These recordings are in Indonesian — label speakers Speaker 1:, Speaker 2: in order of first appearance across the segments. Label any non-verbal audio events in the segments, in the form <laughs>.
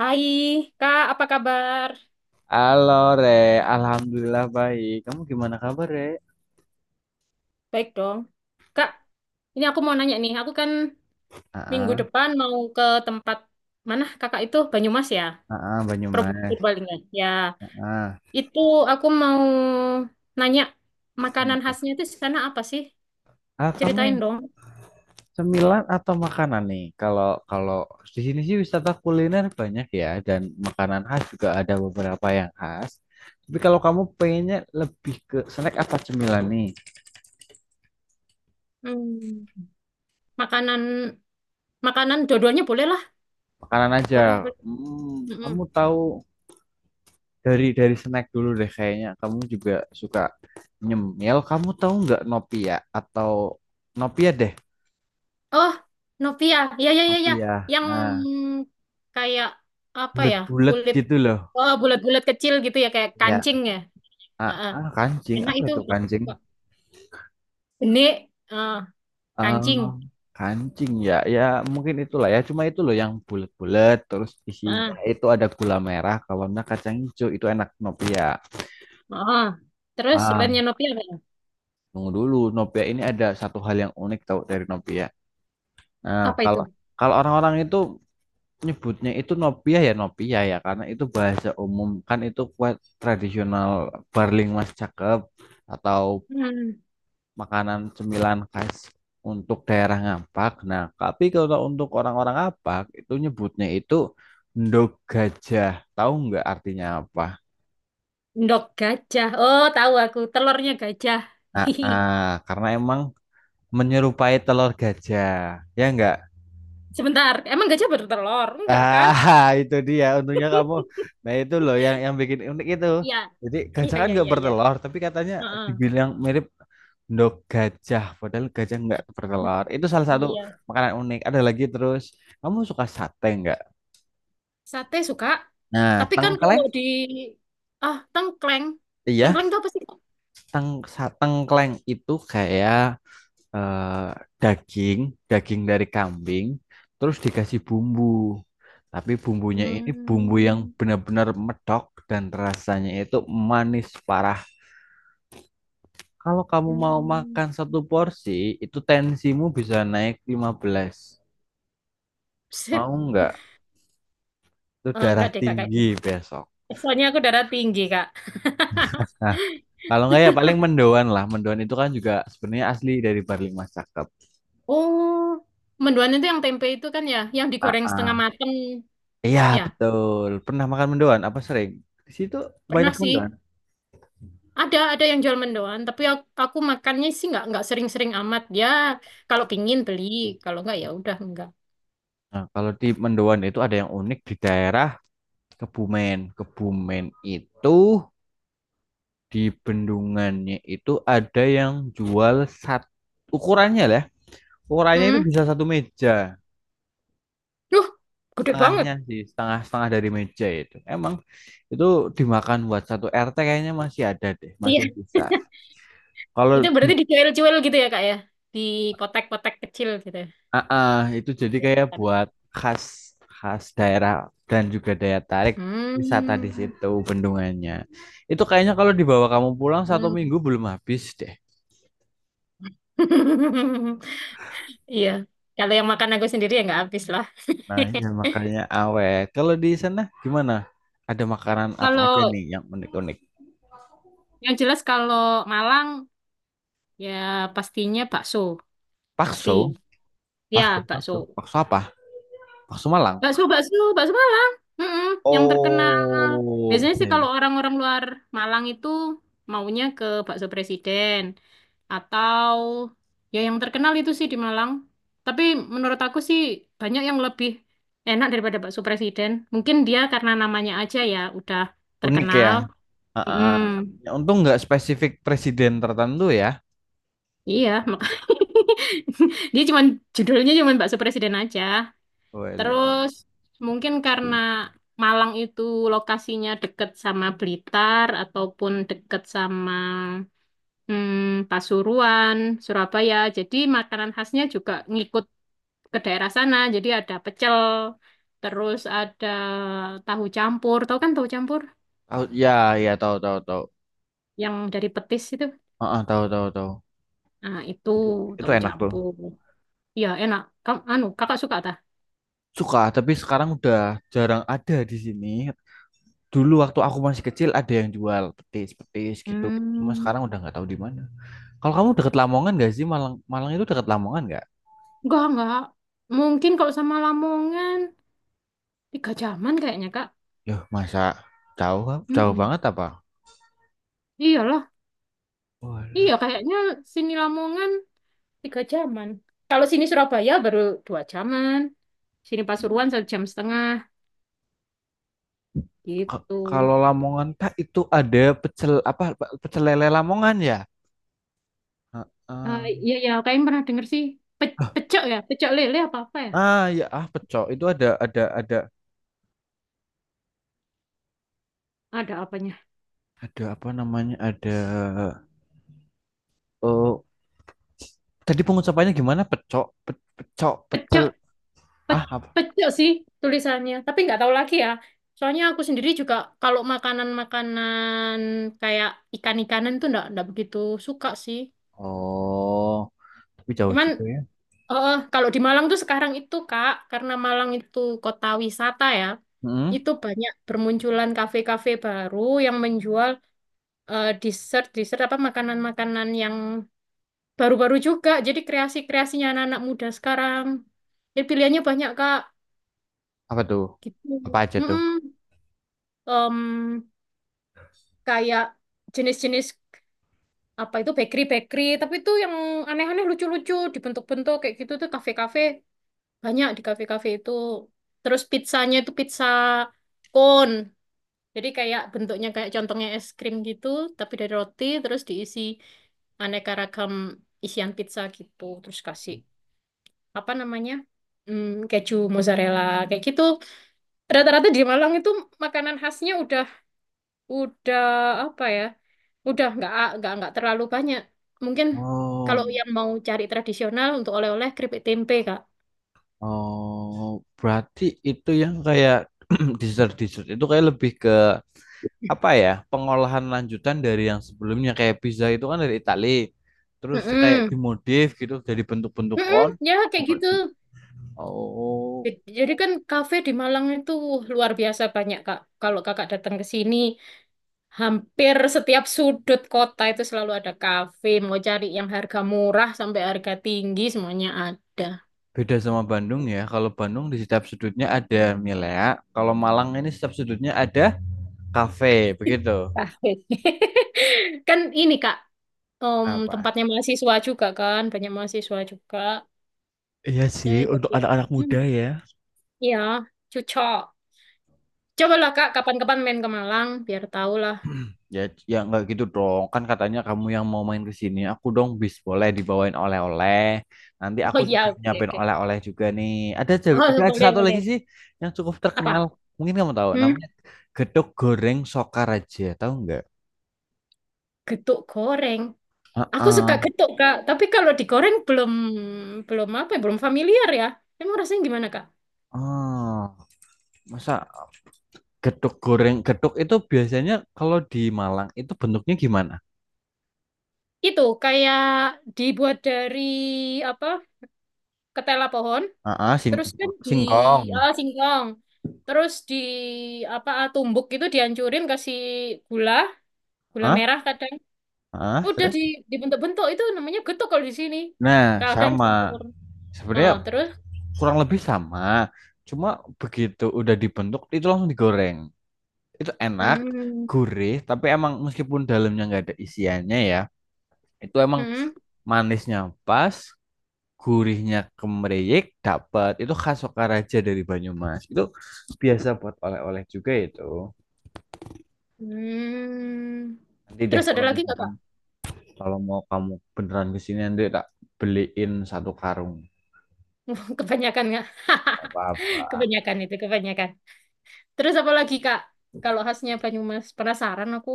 Speaker 1: Hai, Kak, apa kabar?
Speaker 2: Halo Re, Alhamdulillah baik. Kamu gimana kabar Re?
Speaker 1: Baik dong. Kak, ini aku mau nanya nih. Aku kan minggu
Speaker 2: Ah,
Speaker 1: depan mau ke tempat mana Kakak itu? Banyumas ya?
Speaker 2: Banyumas.
Speaker 1: Purbalingga. Ya,
Speaker 2: Ah,
Speaker 1: ya, itu aku mau nanya makanan khasnya itu di sana apa sih?
Speaker 2: Kamu
Speaker 1: Ceritain dong.
Speaker 2: cemilan atau makanan nih? Kalau kalau di sini sih wisata kuliner banyak ya dan makanan khas juga ada beberapa yang khas. Tapi kalau kamu pengennya lebih ke snack apa cemilan nih?
Speaker 1: Hmm, makanan makanan dua-duanya boleh lah.
Speaker 2: Makanan aja.
Speaker 1: Boleh, boleh. Hmm,
Speaker 2: Kamu
Speaker 1: hmm.
Speaker 2: tahu dari snack dulu deh kayaknya. Kamu juga suka nyemil. Kamu tahu nggak Nopia atau Nopia deh?
Speaker 1: Oh, Nopia. Ya, ya, ya,
Speaker 2: Ngopi
Speaker 1: ya.
Speaker 2: ya.
Speaker 1: Yang
Speaker 2: Nah,
Speaker 1: kayak apa ya?
Speaker 2: bulat-bulat
Speaker 1: Kulit
Speaker 2: gitu loh.
Speaker 1: oh, bulat-bulat kecil gitu ya kayak
Speaker 2: Ya.
Speaker 1: kancing ya. Heeh.
Speaker 2: Kancing.
Speaker 1: Enak
Speaker 2: Apa
Speaker 1: itu
Speaker 2: itu
Speaker 1: aku
Speaker 2: kancing?
Speaker 1: suka. Benik, heeh, kancing.
Speaker 2: Eh, kancing ya. Ya, mungkin itulah ya. Cuma itu loh yang bulat-bulat. Terus isinya
Speaker 1: Heeh.
Speaker 2: itu ada gula merah. Kalau enggak kacang hijau. Itu enak Nopia.
Speaker 1: Heeh. Terus
Speaker 2: Ah,
Speaker 1: lainnya Nopia apa ya?
Speaker 2: Tunggu dulu. Nopia ini ada satu hal yang unik tahu dari Nopia. Nah,
Speaker 1: Apa itu?
Speaker 2: kalau kalau orang-orang itu nyebutnya itu Nopia ya Nopia ya. Karena itu bahasa umum. Kan itu kue tradisional Barling Mas Cakep. Atau
Speaker 1: Hmm.
Speaker 2: makanan cemilan khas untuk daerah Ngapak. Nah, tapi kalau untuk orang-orang Ngapak itu nyebutnya itu endog gajah. Tahu nggak artinya apa?
Speaker 1: Endok gajah. Oh, tahu aku. Telurnya gajah. <laughs>
Speaker 2: Ah, ah, karena emang menyerupai telur gajah. Ya nggak?
Speaker 1: Sebentar. Emang gajah bertelur? Enggak kan?
Speaker 2: <laughs> Itu dia untungnya kamu. Nah, itu loh yang bikin unik itu.
Speaker 1: Iya.
Speaker 2: Jadi
Speaker 1: Iya,
Speaker 2: gajah kan
Speaker 1: iya,
Speaker 2: nggak
Speaker 1: iya, iya.
Speaker 2: bertelur, tapi katanya
Speaker 1: Heeh.
Speaker 2: dibilang mirip endog gajah, padahal gajah nggak bertelur. Itu salah satu
Speaker 1: Iya.
Speaker 2: makanan unik. Ada lagi terus, kamu suka sate nggak?
Speaker 1: Sate suka.
Speaker 2: Nah,
Speaker 1: Tapi kan
Speaker 2: tengkleng,
Speaker 1: kalau di, ah, tengkleng.
Speaker 2: iya,
Speaker 1: Tengkleng itu apa sih, Kak?
Speaker 2: teng, tengkleng itu kayak eh, daging, daging dari kambing, terus dikasih bumbu. Tapi bumbunya ini bumbu yang
Speaker 1: Hmm.
Speaker 2: benar-benar medok dan rasanya itu manis parah. Kalau kamu mau
Speaker 1: Hmm.
Speaker 2: makan satu porsi, itu tensimu bisa naik 15.
Speaker 1: <laughs> Set.
Speaker 2: Mau nggak? Itu
Speaker 1: Eh,
Speaker 2: darah
Speaker 1: enggak deh Kak kayaknya.
Speaker 2: tinggi besok.
Speaker 1: Soalnya aku darah tinggi Kak. <laughs>
Speaker 2: Nah, kalau nggak ya paling mendoan lah. Mendoan itu kan juga sebenarnya asli dari Barli Mas Cakep.
Speaker 1: Oh, mendoan itu yang tempe itu kan ya, yang digoreng setengah mateng.
Speaker 2: Iya
Speaker 1: Ya,
Speaker 2: betul. Pernah makan mendoan? Apa sering? Di situ
Speaker 1: pernah
Speaker 2: banyak
Speaker 1: sih.
Speaker 2: mendoan.
Speaker 1: Ada yang jual mendoan, tapi aku makannya sih nggak sering-sering amat. Ya, kalau pingin beli, kalau nggak ya udah nggak.
Speaker 2: Nah, kalau di mendoan itu ada yang unik di daerah Kebumen. Kebumen itu di bendungannya itu ada yang jual sat ukurannya lah. Ya. Ukurannya itu
Speaker 1: Hmm.
Speaker 2: bisa satu meja.
Speaker 1: Duh, gede
Speaker 2: Setengahnya
Speaker 1: banget.
Speaker 2: sih, setengah-setengah dari meja itu. Emang itu dimakan buat satu RT kayaknya masih ada deh,
Speaker 1: Iya.
Speaker 2: masih bisa. Kalau
Speaker 1: Itu
Speaker 2: di
Speaker 1: berarti dicuil-cuil gitu ya, Kak, ya? Di kotak-kotak kecil gitu.
Speaker 2: Ah, ah, itu jadi
Speaker 1: Ya,
Speaker 2: kayak
Speaker 1: kan?
Speaker 2: buat khas khas daerah dan juga daya tarik wisata di
Speaker 1: Hmm.
Speaker 2: situ bendungannya. Itu kayaknya kalau dibawa kamu pulang satu
Speaker 1: Hmm.
Speaker 2: minggu belum habis deh.
Speaker 1: <laughs> Iya. Kalau yang makan aku sendiri ya nggak habis lah.
Speaker 2: Nah, ya makanya awet. Kalau di sana gimana? Ada makanan
Speaker 1: <laughs>
Speaker 2: apa
Speaker 1: Kalau
Speaker 2: aja nih yang unik-unik?
Speaker 1: yang jelas kalau Malang ya pastinya bakso. Pasti.
Speaker 2: Bakso, bakso,
Speaker 1: Ya,
Speaker 2: bakso,
Speaker 1: bakso.
Speaker 2: bakso apa? Bakso Malang.
Speaker 1: Bakso, bakso, bakso Malang. Mm-mm, yang terkenal.
Speaker 2: Oh,
Speaker 1: Biasanya sih
Speaker 2: oke.
Speaker 1: kalau orang-orang luar Malang itu maunya ke bakso presiden atau ya yang terkenal itu sih di Malang. Tapi menurut aku sih banyak yang lebih enak daripada bakso presiden. Mungkin dia karena namanya aja ya udah
Speaker 2: Unik ya.
Speaker 1: terkenal.
Speaker 2: Ah, ah, ah.
Speaker 1: Mm,
Speaker 2: Ya, untung nggak spesifik presiden tertentu ya.
Speaker 1: iya, <laughs> dia cuman judulnya cuman bakso presiden aja.
Speaker 2: Wala.
Speaker 1: Terus mungkin karena Malang itu lokasinya deket sama Blitar ataupun deket sama Pasuruan, Surabaya. Jadi makanan khasnya juga ngikut ke daerah sana. Jadi ada pecel, terus ada tahu campur. Tahu kan tahu campur
Speaker 2: Tahu ya, ya tahu tahu tahu.
Speaker 1: yang dari petis itu?
Speaker 2: Heeh, tahu tahu tahu.
Speaker 1: Nah, itu
Speaker 2: Itu itu
Speaker 1: tahu
Speaker 2: enak tuh.
Speaker 1: campur. Iya, enak. Kamu, anu, kakak suka tak?
Speaker 2: Suka, tapi sekarang udah jarang ada di sini. Dulu waktu aku masih kecil ada yang jual petis-petis gitu. Cuma
Speaker 1: Hmm,
Speaker 2: sekarang udah nggak tahu di mana. Kalau kamu deket Lamongan gak sih? Malang Malang itu deket Lamongan nggak?
Speaker 1: enggak, enggak. Mungkin kalau sama Lamongan 3 jaman kayaknya, Kak.
Speaker 2: Yuh, masa jauh jauh
Speaker 1: Mm-mm.
Speaker 2: banget apa?
Speaker 1: Iyalah, iya
Speaker 2: Walah.
Speaker 1: kayaknya sini Lamongan 3 jaman. Kalau sini Surabaya baru 2 jaman, sini Pasuruan 1,5 jam
Speaker 2: Ka-
Speaker 1: gitu.
Speaker 2: Kalau Lamongan tak itu ada pecel apa pecel lele Lamongan ya?
Speaker 1: Ah,
Speaker 2: Heeh.
Speaker 1: iya ya, kayaknya pernah denger sih.
Speaker 2: Ah
Speaker 1: Pecok ya, pecok lele apa apa ya?
Speaker 2: Ya, pecel itu ada ada ada
Speaker 1: Ada apanya?
Speaker 2: ada apa namanya, eh, tadi pengucapannya gimana? Pecok, pecok, pecel.
Speaker 1: Pecok, pe-
Speaker 2: Apa?
Speaker 1: Pecok sih tulisannya. Tapi nggak tahu lagi ya. Soalnya aku sendiri juga kalau makanan-makanan kayak ikan-ikanan tuh nggak begitu suka sih.
Speaker 2: Oh, tapi jauh
Speaker 1: Cuman
Speaker 2: juga ya.
Speaker 1: Oh, kalau di Malang tuh sekarang itu, Kak, karena Malang itu kota wisata ya,
Speaker 2: Mm-mm.
Speaker 1: itu banyak bermunculan kafe-kafe baru yang menjual dessert, dessert apa makanan-makanan yang baru-baru juga. Jadi kreasi-kreasinya anak-anak muda sekarang. Jadi pilihannya banyak, Kak,
Speaker 2: Apa tuh?
Speaker 1: gitu.
Speaker 2: Apa aja tuh?
Speaker 1: Mm-mm. Em, Kayak jenis-jenis apa itu bakery-bakery, tapi itu yang aneh-aneh lucu-lucu dibentuk-bentuk kayak gitu tuh kafe-kafe banyak di kafe-kafe itu. Terus pizzanya itu pizza cone. Jadi kayak bentuknya kayak contohnya es krim gitu, tapi dari roti terus diisi aneka ragam isian pizza gitu. Terus kasih apa namanya? Keju mozzarella kayak gitu. Rata-rata di Malang itu makanan khasnya udah apa ya? Udah nggak terlalu banyak. Mungkin kalau
Speaker 2: Oh,
Speaker 1: yang mau cari tradisional untuk oleh-oleh keripik tempe, Kak.
Speaker 2: oh, berarti itu yang kayak <clears throat> dessert dessert itu kayak lebih ke apa ya? Pengolahan lanjutan dari yang sebelumnya kayak pizza itu kan dari Itali. Terus kayak
Speaker 1: Mm-mm.
Speaker 2: dimodif gitu jadi bentuk-bentuk
Speaker 1: Mm-mm,
Speaker 2: kon.
Speaker 1: ya kayak gitu.
Speaker 2: Oh,
Speaker 1: Jadi kan kafe di Malang itu luar biasa banyak, Kak. Kalau Kakak datang ke sini, hampir setiap sudut kota itu selalu ada kafe. Mau cari yang harga murah sampai harga tinggi, semuanya ada.
Speaker 2: beda sama Bandung ya. Kalau Bandung di setiap sudutnya ada milea. Kalau Malang ini setiap sudutnya ada kafe, begitu.
Speaker 1: Kafe. <laughs> Kan ini, Kak,
Speaker 2: Apa?
Speaker 1: tempatnya mahasiswa juga kan, banyak mahasiswa juga.
Speaker 2: Iya
Speaker 1: Ya,
Speaker 2: sih, untuk
Speaker 1: jadi,
Speaker 2: anak-anak
Speaker 1: hmm,
Speaker 2: muda ya.
Speaker 1: ya, cocok. Cobalah, Kak, kapan-kapan main ke Malang, biar tahu lah.
Speaker 2: <clears throat> Ya, ya nggak gitu dong. Kan katanya kamu yang mau main ke sini, aku dong boleh dibawain oleh-oleh. Nanti
Speaker 1: Oh
Speaker 2: aku
Speaker 1: iya,
Speaker 2: juga
Speaker 1: oke,
Speaker 2: nyiapin
Speaker 1: oke.
Speaker 2: oleh-oleh juga nih. Ada ja- ada
Speaker 1: Oh,
Speaker 2: aja
Speaker 1: boleh,
Speaker 2: satu lagi
Speaker 1: boleh.
Speaker 2: sih yang cukup terkenal.
Speaker 1: Apa?
Speaker 2: Mungkin kamu tahu
Speaker 1: Hmm?
Speaker 2: namanya gedok goreng Sokaraja, tahu nggak?
Speaker 1: Getuk goreng. Aku suka
Speaker 2: Heeh.
Speaker 1: getuk, Kak. Tapi kalau digoreng belum belum apa ya, belum familiar ya. Emang rasanya gimana, Kak?
Speaker 2: Ah, Masa gedok goreng, gedok itu biasanya kalau di Malang itu bentuknya gimana?
Speaker 1: Itu kayak dibuat dari apa? Ketela pohon,
Speaker 2: Ah, sing
Speaker 1: terus kan
Speaker 2: singkong.
Speaker 1: singkong. Terus di tumbuk itu dihancurin kasih gula, gula
Speaker 2: Ah,
Speaker 1: merah kadang.
Speaker 2: ah.
Speaker 1: Udah
Speaker 2: Terus?
Speaker 1: dibentuk-bentuk itu namanya getuk kalau di sini.
Speaker 2: Nah,
Speaker 1: Kadang
Speaker 2: sama.
Speaker 1: campur. Oh,
Speaker 2: Sebenarnya
Speaker 1: terus
Speaker 2: kurang lebih sama. Cuma begitu udah dibentuk itu langsung digoreng. Itu enak,
Speaker 1: hmm,
Speaker 2: gurih, tapi emang meskipun dalamnya nggak ada isiannya ya, itu emang
Speaker 1: hmm,
Speaker 2: manisnya pas, gurihnya kemeriyek, dapat. Itu khas Sokaraja dari Banyumas. Itu biasa buat oleh-oleh juga itu.
Speaker 1: hmm.
Speaker 2: Nanti deh
Speaker 1: Terus ada
Speaker 2: kalau
Speaker 1: lagi nggak,
Speaker 2: misalkan.
Speaker 1: Kak?
Speaker 2: Kalau mau kamu beneran kesini nanti tak beliin satu karung.
Speaker 1: <laughs> Kebanyakan nggak? <laughs>
Speaker 2: Gak
Speaker 1: <laughs>
Speaker 2: apa-apa.
Speaker 1: Kebanyakan itu, kebanyakan. Terus apa lagi, Kak? Kalau khasnya Banyumas, penasaran aku.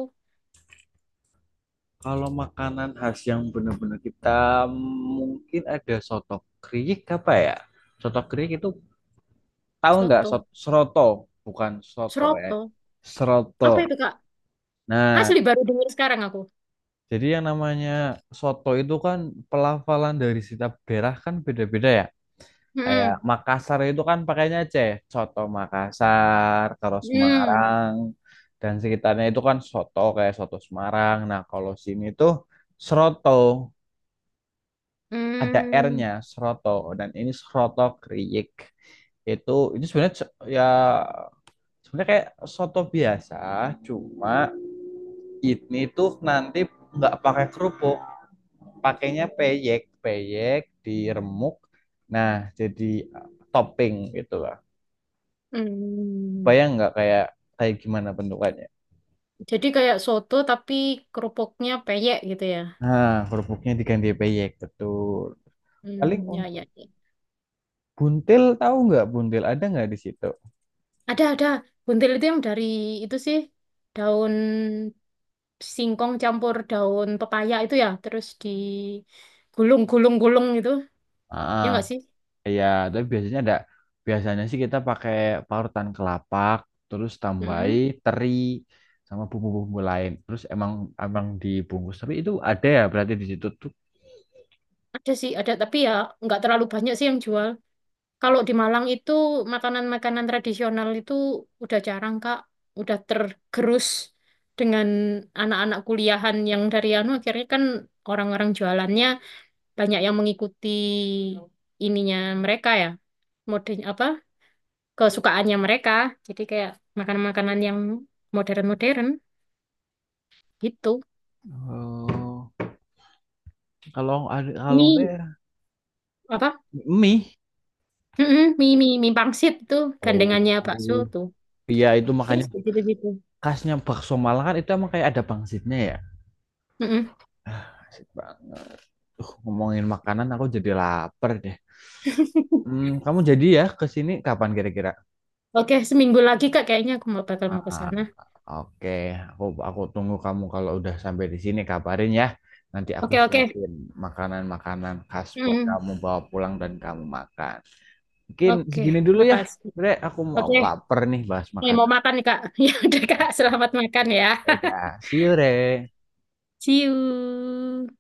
Speaker 2: Kalau makanan khas yang bener-bener kita mungkin ada soto kriik apa ya? Soto kriik itu tahu nggak
Speaker 1: Soto.
Speaker 2: seroto? Bukan soto eh.
Speaker 1: Seroto.
Speaker 2: Seroto.
Speaker 1: Apa itu, Kak?
Speaker 2: Nah,
Speaker 1: Asli baru dengar sekarang aku.
Speaker 2: jadi yang namanya soto itu kan pelafalan dari setiap daerah kan beda-beda ya. Kayak
Speaker 1: Hmm.
Speaker 2: Makassar itu kan pakainya C, soto Makassar, terus
Speaker 1: Hmm.
Speaker 2: Semarang dan sekitarnya itu kan soto kayak soto Semarang. Nah, kalau sini tuh seroto ada
Speaker 1: Hmm.
Speaker 2: R-nya, seroto dan ini seroto kriik. Itu ini sebenarnya ya sebenarnya kayak soto biasa, cuma ini tuh nanti nggak pakai kerupuk, pakainya peyek, peyek diremuk. Nah, jadi topping gitu kan.
Speaker 1: Hmm.
Speaker 2: Bayang nggak kayak kayak gimana bentukannya?
Speaker 1: Jadi kayak soto tapi kerupuknya peyek gitu ya.
Speaker 2: Nah, kerupuknya diganti peyek, betul. Paling
Speaker 1: Hmm, ya,
Speaker 2: untuk
Speaker 1: ya, ya.
Speaker 2: buntil tahu nggak buntil ada nggak di situ?
Speaker 1: Ada, ada. Buntil itu yang dari itu sih daun singkong campur daun pepaya itu ya. Terus digulung, gulung, gulung gitu. Ya
Speaker 2: Ah,
Speaker 1: nggak sih?
Speaker 2: Ya, tapi biasanya ada. Biasanya sih kita pakai parutan kelapa, terus tambahi
Speaker 1: Mm.
Speaker 2: teri sama bumbu-bumbu lain. Terus emang emang dibungkus. Tapi itu ada ya berarti di situ tuh.
Speaker 1: Ada sih, ada tapi ya nggak terlalu banyak sih yang jual. Kalau di Malang itu makanan-makanan tradisional itu udah jarang, Kak. Udah tergerus dengan anak-anak kuliahan yang dari anu akhirnya kan orang-orang jualannya banyak yang mengikuti ininya mereka ya, mode apa kesukaannya mereka. Jadi kayak makanan-makanan yang modern-modern gitu.
Speaker 2: Oh, kalau ada kalau nggak
Speaker 1: Mie
Speaker 2: ya
Speaker 1: apa?
Speaker 2: mie.
Speaker 1: Mm-mm, mie mie mie pangsit tuh
Speaker 2: Oh,
Speaker 1: gandengannya bakso tuh.
Speaker 2: iya itu makanya
Speaker 1: Yes, gitu-gitu.
Speaker 2: khasnya bakso Malang kan itu emang kayak ada pangsitnya ya. Asik banget. Ngomongin makanan aku jadi lapar deh. Kamu jadi ya ke sini kapan kira-kira?
Speaker 1: Oke, seminggu lagi Kak kayaknya aku bakal mau ke
Speaker 2: Ah,
Speaker 1: sana.
Speaker 2: Oke, aku tunggu kamu kalau udah sampai di sini kabarin ya. Nanti aku
Speaker 1: Oke, oke.
Speaker 2: siapin makanan-makanan khas buat
Speaker 1: Mm,
Speaker 2: kamu bawa pulang dan kamu makan. Mungkin
Speaker 1: oke,
Speaker 2: segini dulu ya,
Speaker 1: makasih.
Speaker 2: Bre. Aku mau
Speaker 1: Oke,
Speaker 2: lapar nih bahas
Speaker 1: nih mau
Speaker 2: makanan.
Speaker 1: makan nih Kak. <laughs> Ya udah Kak, selamat makan ya.
Speaker 2: Ya udah,
Speaker 1: <laughs>
Speaker 2: see you, Re.
Speaker 1: See you.